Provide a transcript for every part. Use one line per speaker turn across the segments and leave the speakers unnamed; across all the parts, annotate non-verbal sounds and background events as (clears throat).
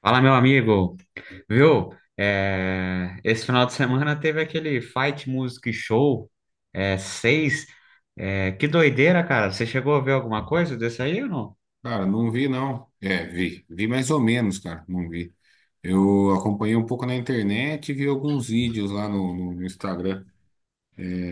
Fala, meu amigo. Viu? É, esse final de semana teve aquele Fight Music Show 6. É, que doideira, cara. Você chegou a ver alguma coisa desse aí ou não?
Cara, não vi não. É, vi. Vi mais ou menos, cara. Não vi. Eu acompanhei um pouco na internet e vi alguns vídeos lá no Instagram.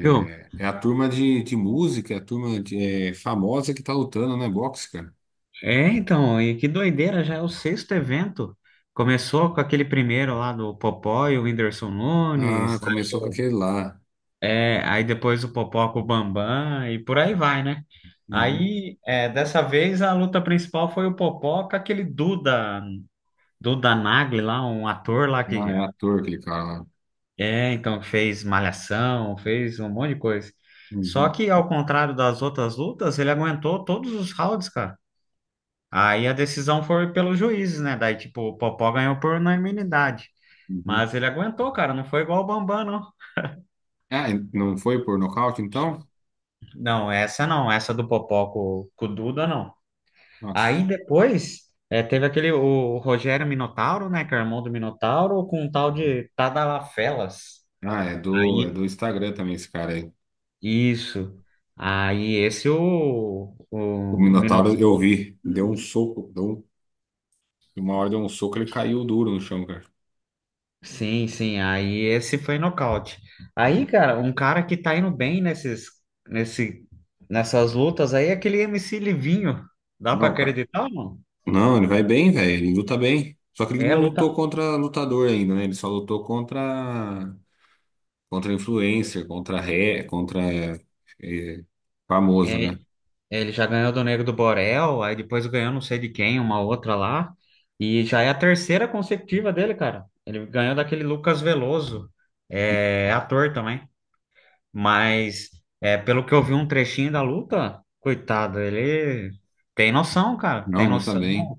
Viu?
É a turma de música, é a turma de, famosa que tá lutando, né? Boxe, cara.
É, então, e que doideira, já é o sexto evento. Começou com aquele primeiro lá do Popó e o Whindersson
Ah,
Nunes.
começou com aquele lá.
É, aí depois o Popó com o Bambam e por aí vai, né?
Uhum.
Aí, dessa vez, a luta principal foi o Popó com aquele Duda Nagli lá, um ator lá
Ah, é
que
ator aquele cara lá.
então fez Malhação, fez um monte de coisa. Só
Uhum,
que ao contrário das outras lutas, ele aguentou todos os rounds, cara. Aí a decisão foi pelos juízes, né? Daí tipo, o Popó ganhou por unanimidade.
uhum.
Mas ele aguentou, cara, não foi igual o Bambam, não.
Ah, e não foi por nocaute, então?
Não, essa não, essa do Popó com o Duda, não.
Nossa.
Aí depois teve aquele, o Rogério Minotauro, né, que é irmão do Minotauro, com um tal
Uhum.
de Tadalá Felas.
Ah, é
Aí.
do Instagram também esse cara aí.
Isso. Aí esse o,
O
o
Minotauro eu
Minotauro.
vi. Deu um soco, uma hora deu um soco, ele caiu duro no chão, cara.
Sim, sim. Aí esse foi nocaute. Aí, cara, um cara que tá indo bem nesse, nessas lutas aí é aquele MC Livinho. Dá pra
Não, cara.
acreditar, mano?
Não, ele vai bem, velho. Ele luta bem. Só que ele
É
não
luta.
lutou contra lutador ainda, né? Ele só lutou contra influencer, contra ré, contra eh, famoso,
É,
né?
ele já ganhou do Negro do Borel, aí depois ganhou não sei de quem, uma outra lá. E já é a terceira consecutiva dele, cara. Ele ganhou daquele Lucas Veloso. É ator também. Mas pelo que eu vi um trechinho da luta, coitado, ele tem noção, cara,
Não,
tem
luta
noção.
bem.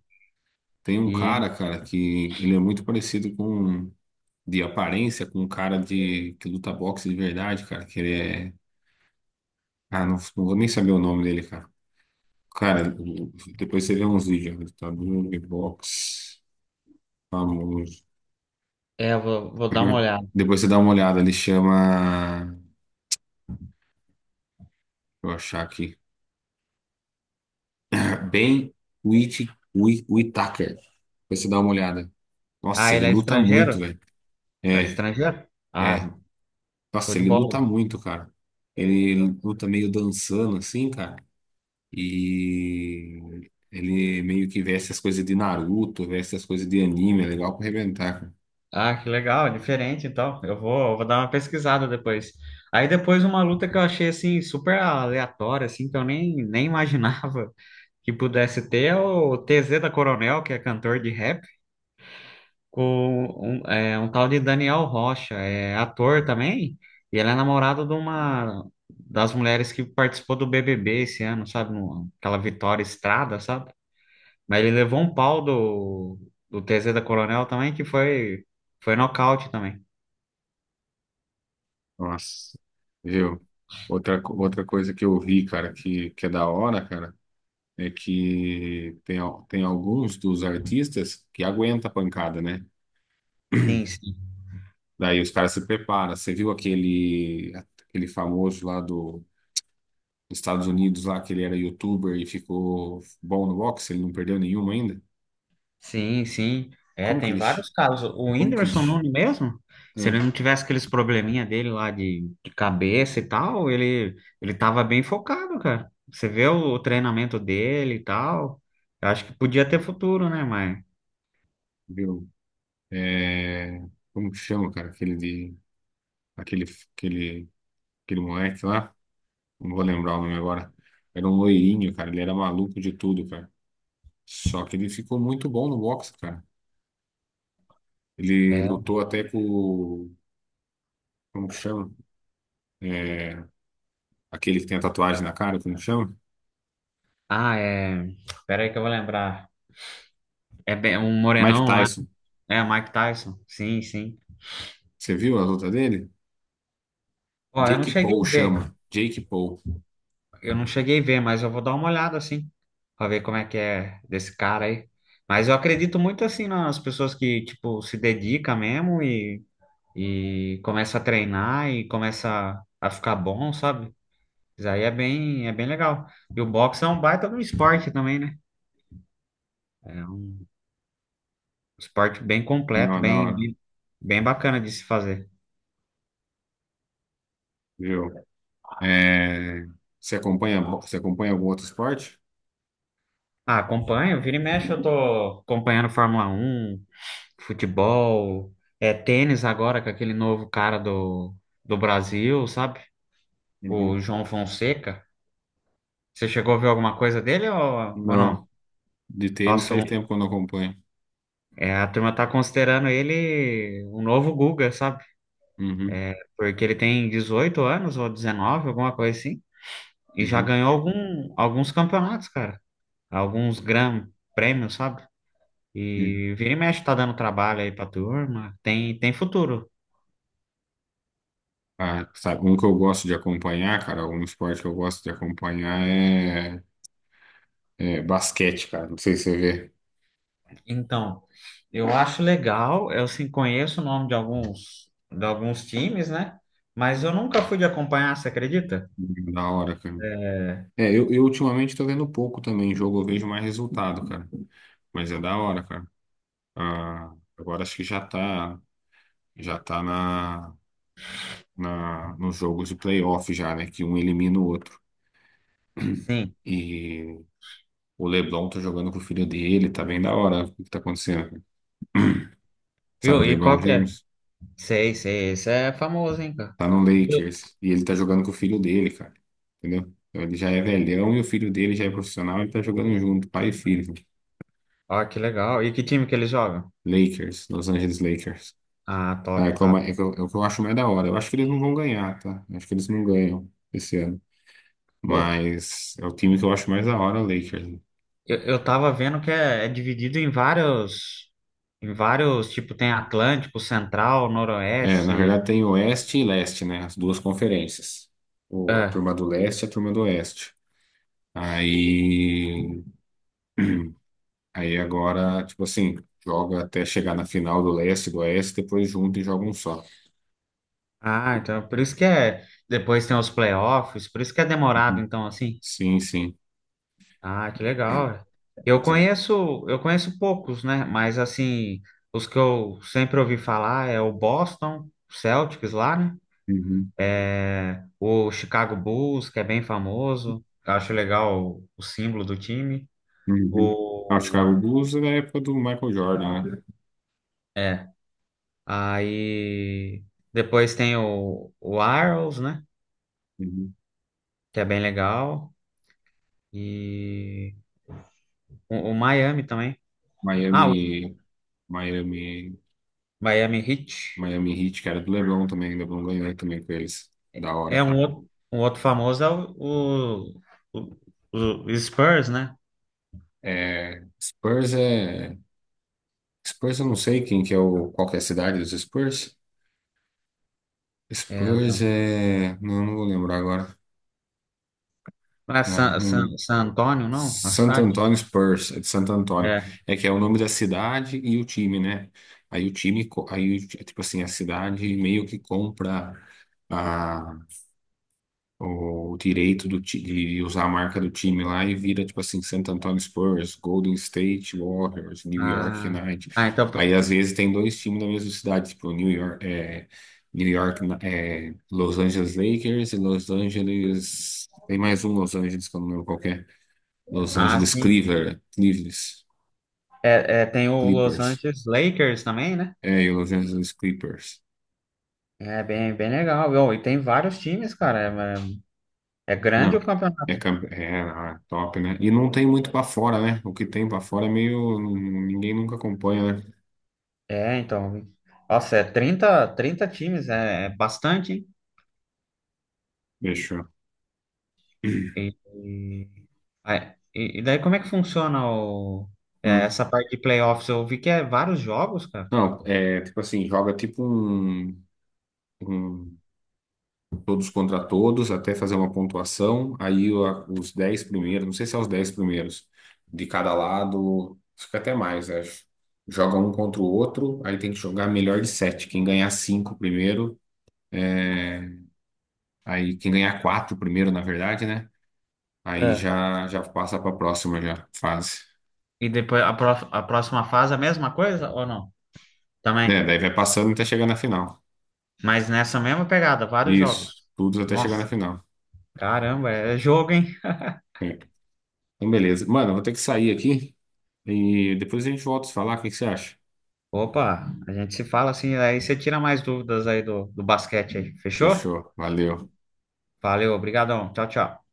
Tem um
E
cara, cara, que ele é muito parecido com de aparência com um cara de que luta boxe de verdade, cara, que ele é Ah, não, não vou nem saber o nome dele, cara. Cara, depois você vê uns vídeos, né? Lutador de boxe famoso.
eu vou
(laughs)
dar uma
Uhum.
olhada.
Depois você dá uma olhada, ele chama. Deixa eu achar aqui. (clears throat) Ben Whit- Whittaker. Depois você dá uma olhada.
Ah,
Nossa, ele
ele é
luta muito,
estrangeiro?
velho.
É
É,
estrangeiro?
é.
Ah, show
Nossa,
de
ele luta
bola.
muito, cara. Ele luta meio dançando, assim, cara. E ele meio que veste as coisas de Naruto, veste as coisas de anime. É legal pra arrebentar, cara.
Ah, que legal, é diferente então. Eu vou dar uma pesquisada depois. Aí depois uma luta que eu achei assim super aleatória, assim, que eu nem imaginava (laughs) que pudesse ter é o TZ da Coronel, que é cantor de rap. Com um tal de Daniel Rocha, é ator também, e ele é namorada de uma das mulheres que participou do BBB esse ano, sabe? Aquela Vitória Estrada, sabe? Mas ele levou um pau do TZ da Coronel também, que foi nocaute também.
Nossa, viu? Outra coisa que eu vi, cara, que é da hora, cara. É que tem, tem alguns dos artistas que aguenta a pancada, né?
Sim, sim.
Daí os caras se preparam. Você viu aquele, aquele famoso lá do, dos Estados Unidos, lá que ele era youtuber e ficou bom no boxe, ele não perdeu nenhum ainda?
Sim, sim. É,
Como que
tem
ele. chi-
vários casos. O
Como que ele.
Whindersson
Chi-
Nunes mesmo, se
Ah,
ele não tivesse aqueles probleminha dele lá de cabeça e tal, ele tava bem focado, cara. Você vê o treinamento dele e tal. Eu acho que podia ter futuro, né, mas...
viu? É, como que chama, cara? Aquele de. Aquele, aquele, aquele moleque lá. Não vou lembrar o nome agora. Era um loirinho, cara. Ele era maluco de tudo, cara. Só que ele ficou muito bom no boxe, cara. Ele
É.
lutou até com, o- Como que chama? É, Aquele que tem a tatuagem na cara, como que chama?
Ah, é... Espera aí que eu vou lembrar. É um
Mike
morenão lá.
Tyson.
É, Mike Tyson. Sim, sim.
Você viu a luta dele?
Ó, eu não
Jake
cheguei
Paul
a ver.
chama. Jake Paul.
Eu não cheguei a ver, mas eu vou dar uma olhada assim, pra ver como é que é desse cara aí. Mas eu acredito muito assim nas pessoas que, tipo, se dedica mesmo e começa a treinar e começa a ficar bom, sabe? Isso aí é bem legal. E o boxe é um baita de um esporte também, né? É um esporte bem completo,
Não, da
bem,
hora.
bem, bem bacana de se fazer.
Viu? É, você acompanha algum outro esporte?
Ah, acompanho, vira e mexe eu tô acompanhando Fórmula 1. Futebol, tênis agora com aquele novo cara do Brasil, sabe? O
Uhum.
João Fonseca. Você chegou a ver alguma coisa dele ou
Não.
não?
De tênis
Nossa,
faz tempo que eu não acompanho.
a turma tá considerando ele o novo Guga, sabe?
Uhum,
Porque ele tem 18 anos ou 19, alguma coisa assim, e já
uhum,
ganhou alguns campeonatos, cara. Alguns gran prêmios, sabe?
uhum.
E vira e mexe tá dando trabalho aí pra turma. Tem futuro.
Ah, sabe, um que eu gosto de acompanhar, cara, um esporte que eu gosto de acompanhar é basquete, cara. Não sei se você vê.
Então, eu acho legal, eu sim conheço o nome de alguns times, né? Mas eu nunca fui de acompanhar, você acredita?
Da hora, cara. É, eu ultimamente tô vendo pouco também jogo, eu vejo mais resultado, cara. Mas é da hora, cara. Ah, agora acho que já tá nos jogos de playoff já, né? Que um elimina o outro. (clears throat)
Sim.
E o LeBron tá jogando com o filho dele, tá bem da hora o que tá acontecendo. Cara. (clears throat) Sabe
Viu?
o
E
LeBron
qual que é?
James?
Sei, sei, esse é famoso, hein, cara?
Tá no
Viu?
Lakers. E ele tá jogando com o filho dele, cara. Entendeu? Então ele já é velhão e o filho dele já é profissional, ele tá jogando junto, pai e filho.
Ó, que legal. E que time que eles jogam?
Lakers, Los Angeles Lakers.
Ah,
Ah, é,
top,
que é uma-
top.
é que eu- É o que eu acho mais da hora. Eu acho que eles não vão ganhar, tá? Eu acho que eles não ganham esse ano.
Pô,
Mas é o time que eu acho mais da hora, o Lakers.
eu tava vendo que é dividido em vários, tipo, tem Atlântico, Central,
É, na
Noroeste.
verdade tem Oeste e Leste, né? As duas conferências. A
É.
turma do Leste e a turma do Oeste. Aí. (clears throat) Aí agora, tipo assim, joga até chegar na final do Leste e do Oeste, depois junta e joga um só.
Ah, então por isso que é, depois tem os playoffs, por isso que é demorado,
Uhum.
então, assim.
Sim, sim.
Ah, que legal. Eu
Mas,
conheço, eu conheço poucos, né? Mas assim, os que eu sempre ouvi falar é o Boston Celtics lá, né?
uhum.
É, o Chicago Bulls, que é bem famoso. Eu acho legal o símbolo do time.
Uhum. Ah, o
O,
Chicago Bulls é da época do Michael Jordan, né?
é. Aí depois tem o Arrows, né?
Uhum.
Que é bem legal. E o Miami também. Ah, o
Miami, Miami,
Miami Heat.
Miami Heat, que era do LeBron também, LeBron ganhou também com eles. Da hora,
É um
cara.
outro, um outro famoso é o, o Spurs, né?
É. Spurs eu não sei quem que é o. Qual que é a cidade dos Spurs?
É,
Spurs
então.
é. Não, não vou lembrar agora.
Não é
Ah, não lembro.
San Antônio, não? A
Santo
cidade?
Antônio Spurs, é de Santo Antônio.
É.
É que é o nome da cidade e o time, né? Aí o time, co- aí, o ti- Tipo assim, a cidade meio que compra. a o direito de usar a marca do time lá e vira, tipo assim, Santo Antonio Spurs, Golden State Warriors, New York
Ah,
Knight.
então.
Aí, às vezes, tem dois times na mesma cidade, tipo, New York, Los Angeles Lakers e Los Angeles... Tem mais um Los Angeles, que eu não lembro qual que é. Los
Ah,
Angeles
sim.
Cleaver, Cleavers,
Tem o Los
Clippers.
Angeles Lakers também, né?
É, e Los Angeles Clippers.
É bem, bem legal. Viu? E tem vários times, cara. É, é grande
Não.
o campeonato.
Top, né? E não tem muito pra fora, né? O que tem pra fora é meio. Ninguém nunca acompanha, né?
É, então. Nossa, é trinta times, é bastante,
Fechou.
hein? Ah, é. E daí como é que funciona o,
Hum.
essa parte de playoffs? Eu vi que é vários jogos, cara.
Não, é tipo assim, joga tipo um todos contra todos até fazer uma pontuação. Os 10 primeiros, não sei se é os 10 primeiros, de cada lado, fica até mais, acho. Joga um contra o outro, aí tem que jogar melhor de sete. Quem ganhar 5 primeiro, é, aí quem ganhar 4 primeiro, na verdade, né? Aí
É.
já passa para a próxima já, fase.
E depois a próxima fase é a mesma coisa ou não? Também.
É, daí vai passando até chegar na final.
Mas nessa mesma pegada, vários
Isso,
jogos.
tudo até chegar na
Nossa,
final.
caramba, é jogo, hein?
É. Então, beleza. Mano, eu vou ter que sair aqui e depois a gente volta a se falar. O que que você acha?
Opa, a gente se fala assim, aí você tira mais dúvidas aí do basquete aí. Fechou?
Fechou, valeu.
Valeu, obrigadão. Tchau, tchau.